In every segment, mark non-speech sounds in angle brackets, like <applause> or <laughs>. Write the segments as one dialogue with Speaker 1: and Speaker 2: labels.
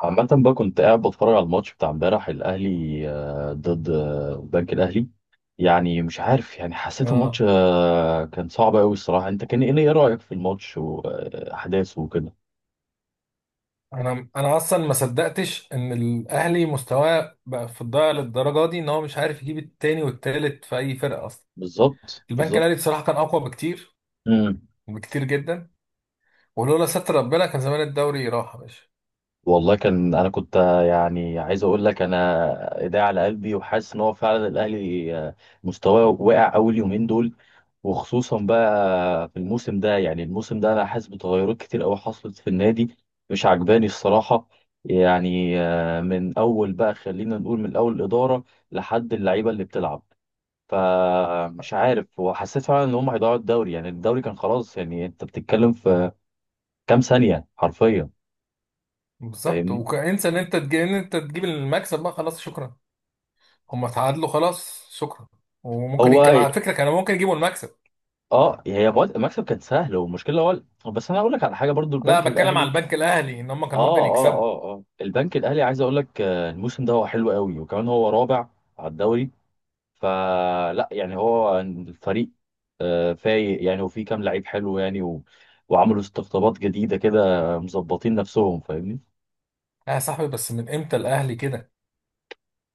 Speaker 1: عامة بقى كنت قاعد بتفرج على الماتش بتاع امبارح الأهلي ضد البنك الأهلي. يعني مش عارف، يعني حسيت الماتش
Speaker 2: اه
Speaker 1: كان صعب أوي الصراحة. أنت كان إيه رأيك في الماتش وأحداثه وكده؟
Speaker 2: انا اصلا ما صدقتش ان الاهلي مستواه بقى في الضياع للدرجه دي، ان هو مش عارف يجيب التاني والتالت في اي فرقه اصلا.
Speaker 1: بالظبط
Speaker 2: البنك
Speaker 1: بالظبط.
Speaker 2: الاهلي بصراحه كان اقوى بكتير،
Speaker 1: مم.
Speaker 2: بكتير جدا. ولولا ستر ربنا كان زمان الدوري راح يا باشا.
Speaker 1: والله كان أنا كنت يعني عايز أقول لك، أنا إيدي على قلبي وحاسس إن هو فعلا الأهلي مستواه واقع أول يومين دول. وخصوصا بقى في الموسم ده، يعني الموسم ده انا حاسس بتغيرات كتير قوي حصلت في النادي، مش عجباني الصراحه. يعني من اول بقى خلينا نقول من اول الاداره لحد اللعيبه اللي بتلعب. فمش عارف، وحسيت فعلا ان هم هيضيعوا الدوري، يعني الدوري كان خلاص، يعني انت بتتكلم في كام ثانيه حرفيا.
Speaker 2: بالظبط،
Speaker 1: فاهمني.
Speaker 2: وانسى ان انت تجيب، ان انت تجيب المكسب، بقى خلاص شكرا. هم تعادلوا خلاص شكرا. وممكن يكون
Speaker 1: هو
Speaker 2: على فكره كانوا ممكن يجيبوا المكسب.
Speaker 1: اه، هي مكسب كان سهل، والمشكله هو، بس انا اقول لك على حاجه برضو
Speaker 2: لا،
Speaker 1: البنك
Speaker 2: بتكلم على
Speaker 1: الاهلي.
Speaker 2: البنك الاهلي ان هم كان
Speaker 1: اه
Speaker 2: ممكن
Speaker 1: اه
Speaker 2: يكسبوا.
Speaker 1: اه اه، البنك الاهلي عايز اقول لك الموسم ده هو حلو قوي، وكمان هو رابع على الدوري. فلا، يعني هو الفريق فايق يعني، وفي كام لعيب حلو يعني وعملوا استقطابات جديده كده، مظبطين نفسهم. فاهمني.
Speaker 2: لا يا صاحبي، بس من امتى الاهلي كده؟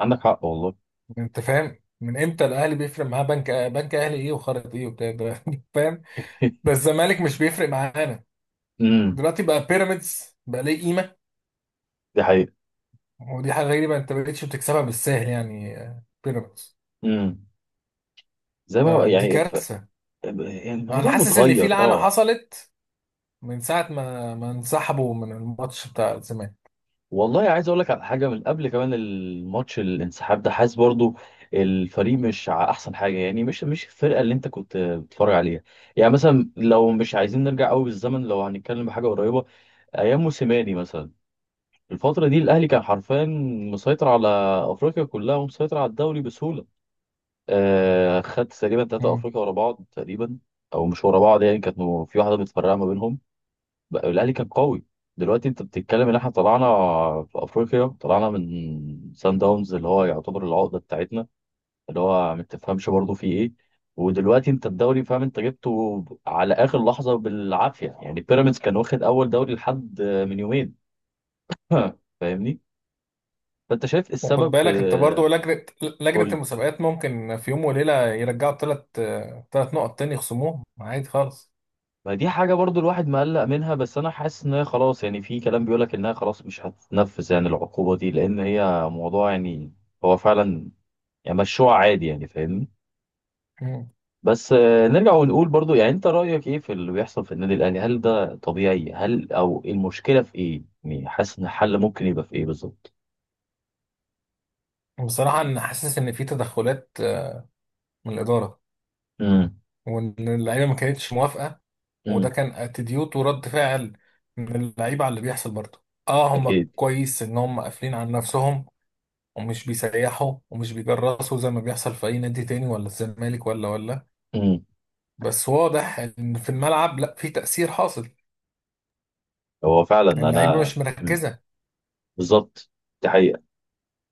Speaker 1: عندك حق والله.
Speaker 2: انت فاهم؟ من امتى الاهلي بيفرق معاه بنك، بنك اهلي ايه وخرط ايه وبتاع ده؟ <laughs> فاهم؟ ده
Speaker 1: <laughs>
Speaker 2: الزمالك مش بيفرق معانا
Speaker 1: امم.
Speaker 2: دلوقتي، بقى بيراميدز بقى ليه قيمه.
Speaker 1: دي حقيقة.
Speaker 2: ودي حاجه غريبه، انت ما بقتش بتكسبها بالسهل، يعني بيراميدز.
Speaker 1: امم. زي ما
Speaker 2: فدي
Speaker 1: يعني
Speaker 2: كارثه.
Speaker 1: يعني
Speaker 2: انا
Speaker 1: الموضوع
Speaker 2: حاسس ان في
Speaker 1: متغير،
Speaker 2: لعنه
Speaker 1: اه.
Speaker 2: حصلت من ساعه ما انسحبوا من الماتش بتاع الزمالك.
Speaker 1: والله عايز اقول لك على حاجه، من قبل كمان الماتش الانسحاب ده حاسس برضو الفريق مش احسن حاجه، يعني مش الفرقه اللي انت كنت بتتفرج عليها. يعني مثلا لو مش عايزين نرجع قوي بالزمن، لو هنتكلم بحاجه قريبه، ايام موسيماني مثلا الفتره دي الاهلي كان حرفيا مسيطر على افريقيا كلها ومسيطر على الدوري بسهوله. آه، خد تقريبا ثلاثه
Speaker 2: مم.
Speaker 1: افريقيا ورا بعض تقريبا، او مش ورا بعض يعني، كانت في واحده متفرقه ما بينهم. بقى الاهلي كان قوي. دلوقتي انت بتتكلم ان احنا طلعنا في افريقيا، طلعنا من سان داونز اللي هو يعتبر العقده بتاعتنا، اللي هو ما تفهمش برضه فيه ايه. ودلوقتي انت الدوري، فاهم انت جبته على اخر لحظه بالعافيه، يعني بيراميدز كان واخد اول دوري لحد من يومين. <laughs> فاهمني. فانت شايف إيه
Speaker 2: وخد
Speaker 1: السبب في؟
Speaker 2: بالك انت برضو، لجنه
Speaker 1: قول
Speaker 2: لجنه
Speaker 1: لي.
Speaker 2: المسابقات ممكن في يوم وليله يرجعوا ثلاث، ثلاث نقط تاني يخصموهم عادي خالص.
Speaker 1: ما دي حاجه برضه الواحد مقلق منها، بس انا حاسس ان هي خلاص، يعني في كلام بيقول لك انها خلاص مش هتتنفذ، يعني العقوبه دي، لان هي موضوع يعني هو فعلا، يعني مشروع عادي يعني. فاهمني.
Speaker 2: مم.
Speaker 1: بس نرجع ونقول برضو، يعني انت رأيك ايه في اللي بيحصل في النادي الاهلي؟ هل ده طبيعي؟ هل او المشكلة في ايه؟ يعني حاسس ان الحل ممكن يبقى في ايه بالظبط؟
Speaker 2: بصراحة أنا حاسس إن في تدخلات، من الإدارة،
Speaker 1: امم.
Speaker 2: وإن اللعيبة ما كانتش موافقة. وده
Speaker 1: امم.
Speaker 2: كان اتيتيود ورد فعل من اللعيبة على اللي بيحصل. برضه آه، هم
Speaker 1: اكيد.
Speaker 2: كويس إن هم قافلين على نفسهم، ومش بيسيحوا ومش بيجرسوا زي ما بيحصل في أي نادي تاني، ولا الزمالك ولا.
Speaker 1: امم.
Speaker 2: بس واضح إن في الملعب، لأ، في تأثير حاصل.
Speaker 1: هو فعلا
Speaker 2: اللعيبة
Speaker 1: انا.
Speaker 2: مش
Speaker 1: مم.
Speaker 2: مركزة.
Speaker 1: بالظبط. دي حقيقة.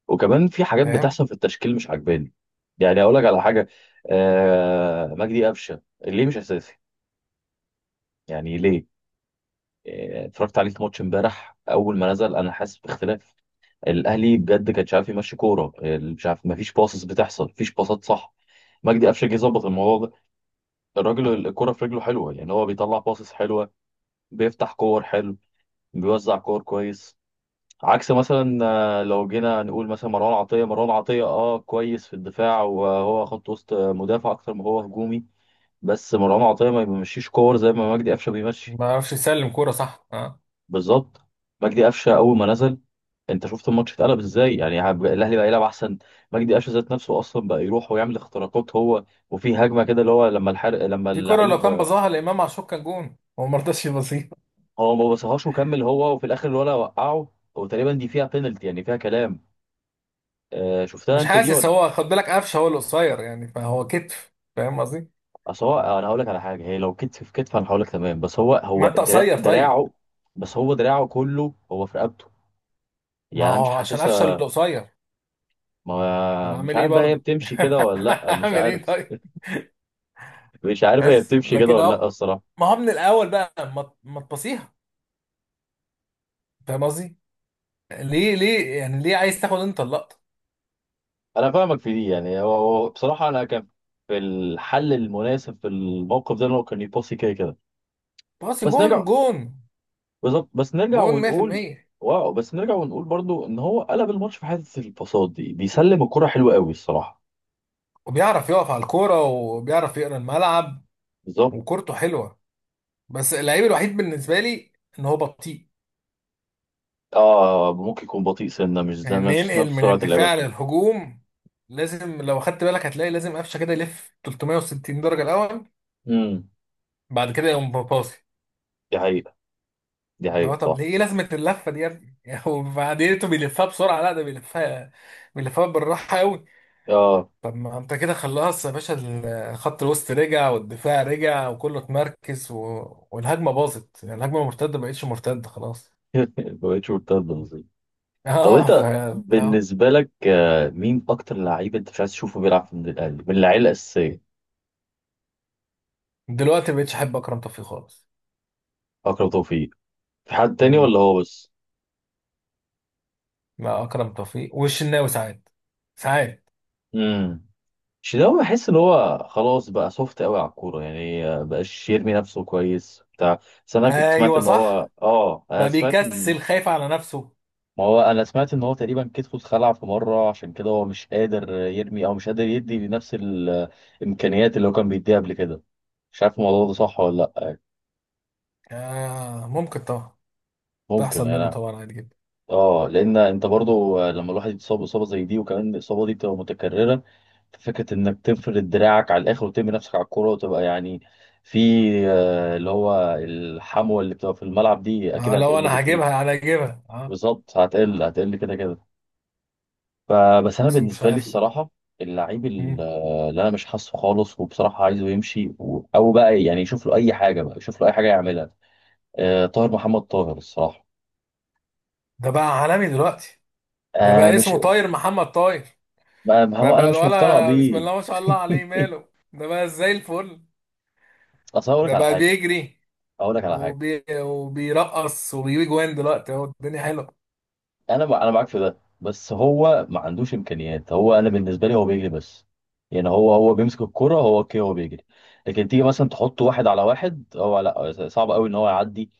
Speaker 1: وكمان في حاجات
Speaker 2: فاهم؟
Speaker 1: بتحصل في التشكيل مش عجباني. يعني اقول لك على حاجة. آه، مجدي قفشة ليه مش اساسي؟ يعني ليه؟ اتفرجت عليه في ماتش امبارح اول ما نزل، انا حاسس باختلاف. الاهلي بجد كان مش عارف يمشي كوره، مش عارف، مفيش باصص بتحصل، مفيش باصات صح. مجدي قفشه جه يظبط الموضوع ده، الراجل الكوره في رجله حلوه، يعني هو بيطلع باصص حلوه، بيفتح كور حلو، بيوزع كور كويس. عكس مثلا لو جينا نقول مثلا مروان عطيه، مروان عطيه اه كويس في الدفاع، وهو خط وسط مدافع اكتر ما هو هجومي. بس مروان عطيه ما بيمشيش كور زي ما مجدي قفشه بيمشي.
Speaker 2: ما يعرفش يسلم كورة صح آه.
Speaker 1: بالظبط. مجدي قفشه اول ما نزل انت شفت الماتش اتقلب ازاي، يعني الاهلي بقى يلعب احسن. مجدي قفشه ذات نفسه اصلا بقى يروح ويعمل اختراقات هو، وفي هجمه كده اللي هو لما الحرق لما
Speaker 2: في كورة لو كان
Speaker 1: اللعيب.
Speaker 2: بظاها لإمام عاشور كان جون، هو ما رضاش يبصيها.
Speaker 1: هو ما بصهاش وكمل هو، وفي الاخر الولا وقعه، وتقريبا دي فيها بينالتي يعني، فيها كلام. آه، شفتها
Speaker 2: مش
Speaker 1: انت دي
Speaker 2: حاسس.
Speaker 1: ولا؟
Speaker 2: هو خد بالك قفشه هو القصير، يعني فهو كتف، فاهم قصدي؟
Speaker 1: اصل هو، انا هقول لك على حاجه، هي لو كتف في كتف انا هقول لك تمام، بس هو
Speaker 2: ما
Speaker 1: هو
Speaker 2: انت قصير طيب.
Speaker 1: دراعه، بس هو دراعه كله هو في رقبته،
Speaker 2: ما
Speaker 1: يعني انا مش
Speaker 2: هو عشان قفشه اللي
Speaker 1: حاسسها.
Speaker 2: قصير.
Speaker 1: ما
Speaker 2: انا
Speaker 1: مش
Speaker 2: هعمل ايه
Speaker 1: عارف بقى هي
Speaker 2: برضه؟
Speaker 1: بتمشي كده
Speaker 2: <laughs>
Speaker 1: ولا لا، مش
Speaker 2: هعمل ايه
Speaker 1: عارف.
Speaker 2: طيب؟
Speaker 1: مش عارف هي
Speaker 2: بس
Speaker 1: بتمشي كده
Speaker 2: لكن
Speaker 1: ولا لا
Speaker 2: اهو،
Speaker 1: الصراحه.
Speaker 2: ما هو من الاول بقى ما تبصيها، فاهم قصدي؟ ليه؟ ليه يعني عايز تاخد انت اللقطه؟
Speaker 1: انا فاهمك في دي، يعني هو هو بصراحه انا كان في الحل المناسب في الموقف ده ان هو كان يباصي كده كده.
Speaker 2: باصي
Speaker 1: بس
Speaker 2: جون،
Speaker 1: نرجع،
Speaker 2: جون.
Speaker 1: بالظبط، بس نرجع
Speaker 2: جون
Speaker 1: ونقول،
Speaker 2: 100%.
Speaker 1: واو، بس نرجع ونقول برضو ان هو قلب الماتش في حته الباصات دي، بيسلم الكره حلوه قوي الصراحه.
Speaker 2: وبيعرف يقف على الكوره وبيعرف يقرا الملعب،
Speaker 1: بالظبط.
Speaker 2: وكورته حلوه. بس اللعيب الوحيد بالنسبه لي ان هو بطيء.
Speaker 1: اه، ممكن يكون بطيء، سنه مش زي
Speaker 2: يعني
Speaker 1: نفس
Speaker 2: ننقل
Speaker 1: نفس
Speaker 2: من
Speaker 1: سرعه اللعيبه
Speaker 2: الدفاع
Speaker 1: التانيه.
Speaker 2: للهجوم، لازم لو خدت بالك هتلاقي لازم قفشه كده يلف 360 درجه الاول،
Speaker 1: امم.
Speaker 2: بعد كده يقوم باصي.
Speaker 1: دي حقيقه. دي
Speaker 2: اللي هو
Speaker 1: حقيقه
Speaker 2: طب
Speaker 1: صح.
Speaker 2: ليه، ايه لازمه اللفه دي يا ابني؟ <laughs> وبعدين انتوا بيلفها بسرعه، لا ده بيلفها، بيلفها بالراحه قوي.
Speaker 1: اه.
Speaker 2: طب ما انت كده خلاص يا باشا. الخط الوسط رجع والدفاع رجع وكله اتمركز و... والهجمه باظت، يعني الهجمه مرتده ما بقتش مرتده خلاص.
Speaker 1: <laughs> ما بقتش مرتده.
Speaker 2: <laughs>
Speaker 1: طب
Speaker 2: اه ف.
Speaker 1: انت
Speaker 2: لا.
Speaker 1: بالنسبه لك مين اكتر لعيب انت مش عايز تشوفه بيلعب في النادي الاهلي من اللعيبه الاساسيه؟
Speaker 2: دلوقتي ما بقتش احب اكرم توفيق خالص.
Speaker 1: اكرم توفيق. في حد تاني ولا هو بس؟
Speaker 2: مع اكرم توفيق والشناوي ساعات، ساعات.
Speaker 1: امم. شيداوي بحس ان هو خلاص بقى سوفت قوي على الكوره، يعني بقاش يرمي نفسه كويس بتاع. بس انا كنت سمعت
Speaker 2: ايوه
Speaker 1: ان هو
Speaker 2: صح،
Speaker 1: اه، انا
Speaker 2: بقى
Speaker 1: سمعت ان،
Speaker 2: بيكسل خايف على نفسه.
Speaker 1: ما هو انا سمعت ان هو تقريبا كتفه اتخلع في مره، عشان كده هو مش قادر يرمي، او مش قادر يدي بنفس الامكانيات اللي هو كان بيديها قبل كده. مش عارف الموضوع ده صح ولا لا.
Speaker 2: آه ممكن طبعا،
Speaker 1: ممكن
Speaker 2: تحصل منه
Speaker 1: انا.
Speaker 2: طبعا عادي جدا.
Speaker 1: اه، لان انت برضو لما الواحد يتصاب اصابه زي دي، وكمان الاصابه دي بتبقى متكرره، فكره انك تفرد دراعك على الاخر وترمي نفسك على الكوره وتبقى يعني في اللي هو الحموه اللي بتبقى في الملعب دي اكيد
Speaker 2: آه لو
Speaker 1: هتقل
Speaker 2: انا
Speaker 1: بكتير.
Speaker 2: هجيبها انا هجيبها اه.
Speaker 1: بالظبط، هتقل هتقل كده كده. فبس انا
Speaker 2: بس مش
Speaker 1: بالنسبه لي
Speaker 2: عارف.
Speaker 1: الصراحه، اللعيب
Speaker 2: مم.
Speaker 1: اللي انا مش حاسه خالص، وبصراحه عايزه يمشي او بقى يعني يشوف له اي حاجه، بقى يشوف له اي حاجه يعملها. طاهر محمد طاهر الصراحه.
Speaker 2: ده بقى عالمي دلوقتي. ده
Speaker 1: آه،
Speaker 2: بقى
Speaker 1: مش.
Speaker 2: اسمه طاير محمد طاير.
Speaker 1: ما ما
Speaker 2: ده
Speaker 1: هو انا
Speaker 2: بقى
Speaker 1: مش مقتنع
Speaker 2: الولا بسم
Speaker 1: بيه.
Speaker 2: الله ما شاء الله
Speaker 1: <laughs>
Speaker 2: عليه، ماله ده بقى زي الفل.
Speaker 1: اصل هقول لك
Speaker 2: ده
Speaker 1: على
Speaker 2: بقى
Speaker 1: حاجه.
Speaker 2: بيجري
Speaker 1: هقول لك على حاجه
Speaker 2: وبيرقص وبيجيب جوان، دلوقتي اهو الدنيا حلوه.
Speaker 1: انا انا معاك في ده، بس هو ما عندوش امكانيات، هو انا بالنسبه لي هو بيجري بس، يعني هو هو بيمسك الكرة، هو اوكي هو بيجري. لكن تيجي مثلا تحط واحد على واحد، هو لا، صعب قوي ان هو يعدي.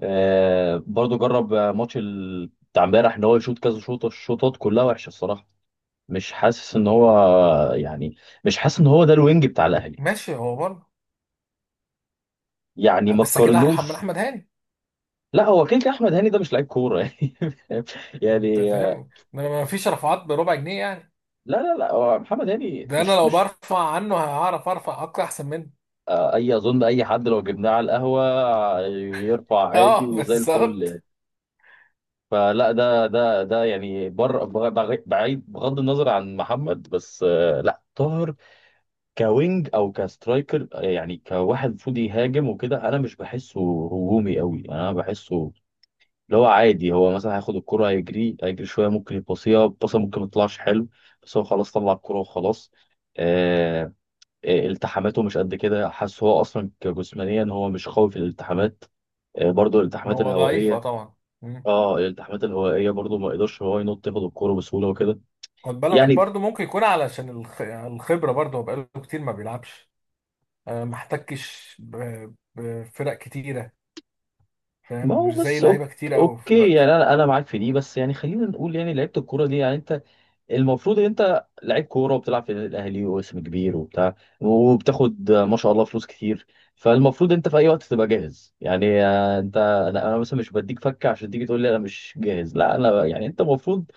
Speaker 1: آه، برضو جرب ماتش بتاع امبارح ان هو يشوط كذا شوطه، الشوطات كلها وحشه الصراحه. مش حاسس ان هو يعني، مش حاسس ان هو ده الوينج بتاع الاهلي،
Speaker 2: ماشي هو برضه
Speaker 1: يعني
Speaker 2: آه،
Speaker 1: ما
Speaker 2: بس كده ارحم من
Speaker 1: تقارنوش.
Speaker 2: احمد هاني.
Speaker 1: لا هو كيك، احمد هاني ده مش لعيب كوره. <laughs>
Speaker 2: انت
Speaker 1: يعني
Speaker 2: فاهم؟ ده ما فيش رفعات بربع جنيه يعني.
Speaker 1: لا لا لا، هو محمد هاني
Speaker 2: ده انا
Speaker 1: مش
Speaker 2: لو
Speaker 1: مش.
Speaker 2: برفع عنه هعرف ارفع اكتر احسن منه.
Speaker 1: اي اظن اي حد لو جبناه على القهوه يرفع
Speaker 2: <laughs>
Speaker 1: عادي
Speaker 2: اه
Speaker 1: وزي الفل
Speaker 2: بالظبط.
Speaker 1: يعني. فلا ده ده يعني، بر بعيد بغض النظر عن محمد، بس لا طاهر، كوينج او كسترايكر، يعني كواحد المفروض يهاجم وكده، انا مش بحسه هجومي قوي، انا بحسه اللي هو عادي. هو مثلا هياخد الكرة، هيجري هيجري شويه، ممكن يباصيها باصه، ممكن ما تطلعش حلو، بس هو خلاص طلع الكرة وخلاص. آه، التحاماته مش قد كده، حاسس هو اصلا كجسمانيا هو مش قوي في الالتحامات. برضه الالتحامات
Speaker 2: هو ضعيف اه
Speaker 1: الهوائيه.
Speaker 2: طبعا. مم.
Speaker 1: اه، الالتحامات الهوائيه برضه ما يقدرش هو ينط ياخد الكوره بسهوله وكده
Speaker 2: خد بالك
Speaker 1: يعني.
Speaker 2: برضو ممكن يكون علشان الخبره، برضو هو بقاله كتير ما بيلعبش. آه، ما احتكش بفرق كتيره، فاهم؟
Speaker 1: ما هو
Speaker 2: مش زي
Speaker 1: بس
Speaker 2: لعيبه كتيره قوي في
Speaker 1: اوكي،
Speaker 2: دلوقتي.
Speaker 1: يعني انا معاك في دي، بس يعني خلينا نقول يعني لعيبه الكوره دي، يعني انت المفروض ان انت لعيب كوره وبتلعب في النادي الاهلي، واسم كبير وبتاع، وبتاخد ما شاء الله فلوس كتير. فالمفروض انت في اي وقت تبقى جاهز، يعني انت انا، أنا مثلا مش بديك فكه عشان تيجي تقول لي انا مش جاهز، لا انا يعني انت المفروض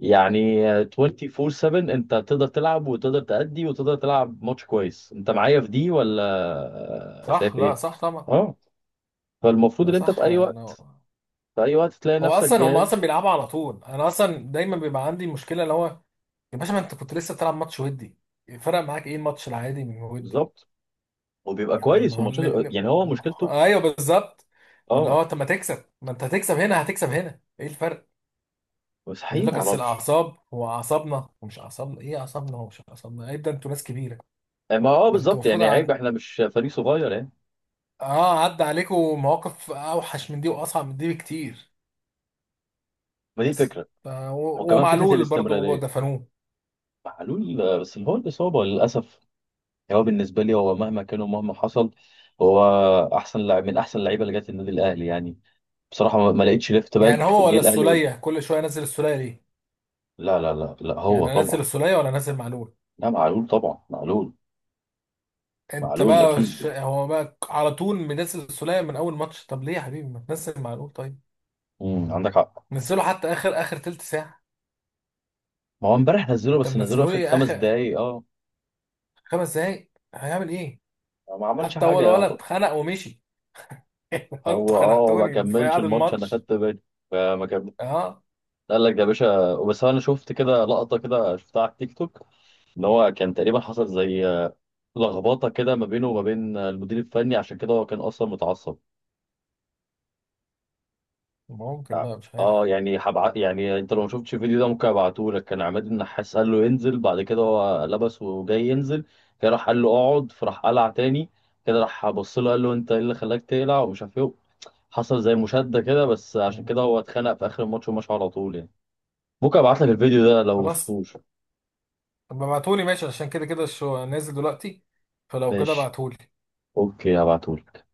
Speaker 1: يعني 24/7 انت تقدر تلعب وتقدر تأدي وتقدر تلعب ماتش كويس. انت معايا في دي ولا؟
Speaker 2: صح،
Speaker 1: شايف
Speaker 2: لا
Speaker 1: ايه؟
Speaker 2: صح طبعا.
Speaker 1: اه. فالمفروض
Speaker 2: لا
Speaker 1: ان انت في
Speaker 2: صح
Speaker 1: اي
Speaker 2: انا.
Speaker 1: وقت، في اي وقت تلاقي
Speaker 2: هو
Speaker 1: نفسك
Speaker 2: اصلا هم اصلا
Speaker 1: جاهز.
Speaker 2: بيلعبوا على طول. انا اصلا دايما بيبقى عندي مشكله اللي هو، يا باشا ما انت كنت لسه بتلعب ماتش ودي، فرق معاك ايه الماتش العادي من ودي؟
Speaker 1: بالظبط، وبيبقى
Speaker 2: يعني
Speaker 1: كويس،
Speaker 2: ما هو
Speaker 1: وماتشاته
Speaker 2: الاتنين.
Speaker 1: يعني هو مشكلته.
Speaker 2: ايوه بالظبط. اللي
Speaker 1: اه.
Speaker 2: هو طب ما تكسب، ما انت هتكسب هنا هتكسب هنا، ايه الفرق؟
Speaker 1: بس
Speaker 2: يقول
Speaker 1: حقيقي ما
Speaker 2: لك اصل
Speaker 1: اعرفش.
Speaker 2: الاعصاب، هو اعصابنا ومش اعصابنا ايه؟ اعصابنا ومش اعصابنا ايه؟ ده انتوا ناس كبيره.
Speaker 1: ما اه،
Speaker 2: ده انتوا
Speaker 1: بالظبط،
Speaker 2: المفروض
Speaker 1: يعني عيب
Speaker 2: عد...
Speaker 1: احنا مش فريق صغير يعني.
Speaker 2: اه عدى عليكم مواقف اوحش من دي واصعب من دي بكتير.
Speaker 1: ما دي
Speaker 2: بس
Speaker 1: فكرة.
Speaker 2: ف... و...
Speaker 1: وكمان فكرة
Speaker 2: ومعلول برضو
Speaker 1: الاستمرارية،
Speaker 2: دفنوه.
Speaker 1: معلول بس اللي هو الإصابة للأسف. يعني هو بالنسبة لي هو مهما كان ومهما حصل هو أحسن لاعب من أحسن اللعيبة اللي جت النادي الأهلي، يعني بصراحة ما ما لقيتش ليفت
Speaker 2: يعني
Speaker 1: باك
Speaker 2: هو
Speaker 1: جه
Speaker 2: ولا
Speaker 1: الأهلي.
Speaker 2: السوليه، كل شويه نزل السوليه ليه؟
Speaker 1: لا لا لا لا، هو
Speaker 2: يعني انزل
Speaker 1: طبعا.
Speaker 2: السوليه ولا انزل معلول؟
Speaker 1: لا معلول طبعا، معلول.
Speaker 2: انت
Speaker 1: معلول
Speaker 2: بقى ش...
Speaker 1: أكيد.
Speaker 2: هو بقى على طول منزل السولية من اول ماتش، طب ليه يا حبيبي ما تنزل معلول طيب؟
Speaker 1: امم، عندك حق.
Speaker 2: نزله حتى اخر، اخر تلت ساعة.
Speaker 1: ما هو امبارح نزله،
Speaker 2: انت
Speaker 1: بس نزله
Speaker 2: منزله
Speaker 1: آخر
Speaker 2: لي
Speaker 1: خمس
Speaker 2: اخر
Speaker 1: دقايق أه.
Speaker 2: خمس دقايق، هيعمل ايه؟
Speaker 1: ما عملش
Speaker 2: حتى
Speaker 1: حاجة
Speaker 2: اول
Speaker 1: يعتبر.
Speaker 2: ولد خنق ومشي. <laughs> انتوا
Speaker 1: هو أه، ما
Speaker 2: خنقتوني في
Speaker 1: كملش
Speaker 2: قعد
Speaker 1: الماتش أنا
Speaker 2: الماتش.
Speaker 1: خدت بالي، فما كمل.
Speaker 2: اه
Speaker 1: قال لك ده يا باشا، بس أنا شفت كده لقطة، كده شفتها على التيك توك، إن هو كان تقريبا حصل زي لخبطه كده ما بينه وما بين المدير الفني، عشان كده هو كان اصلا متعصب.
Speaker 2: ممكن بقى، مش عارف.
Speaker 1: اه، يعني يعني انت لو ما شفتش الفيديو ده ممكن ابعته لك. كان عماد النحاس قال له ينزل، بعد كده هو لبس وجاي ينزل كده، راح قال له اقعد، فراح قلع تاني كده، راح بص له قال له انت ايه اللي خلاك تقلع ومش عارف ايه. حصل زي مشادة كده، بس عشان كده هو اتخانق في اخر الماتش ومشى على طول يعني. ممكن ابعت لك الفيديو ده لو ما
Speaker 2: خلاص.
Speaker 1: شفتوش.
Speaker 2: طب ابعتولي ماشي، عشان كده كده الشو نازل دلوقتي، فلو كده
Speaker 1: ماشي.
Speaker 2: ابعتولي.
Speaker 1: اوكي، هبعته لك.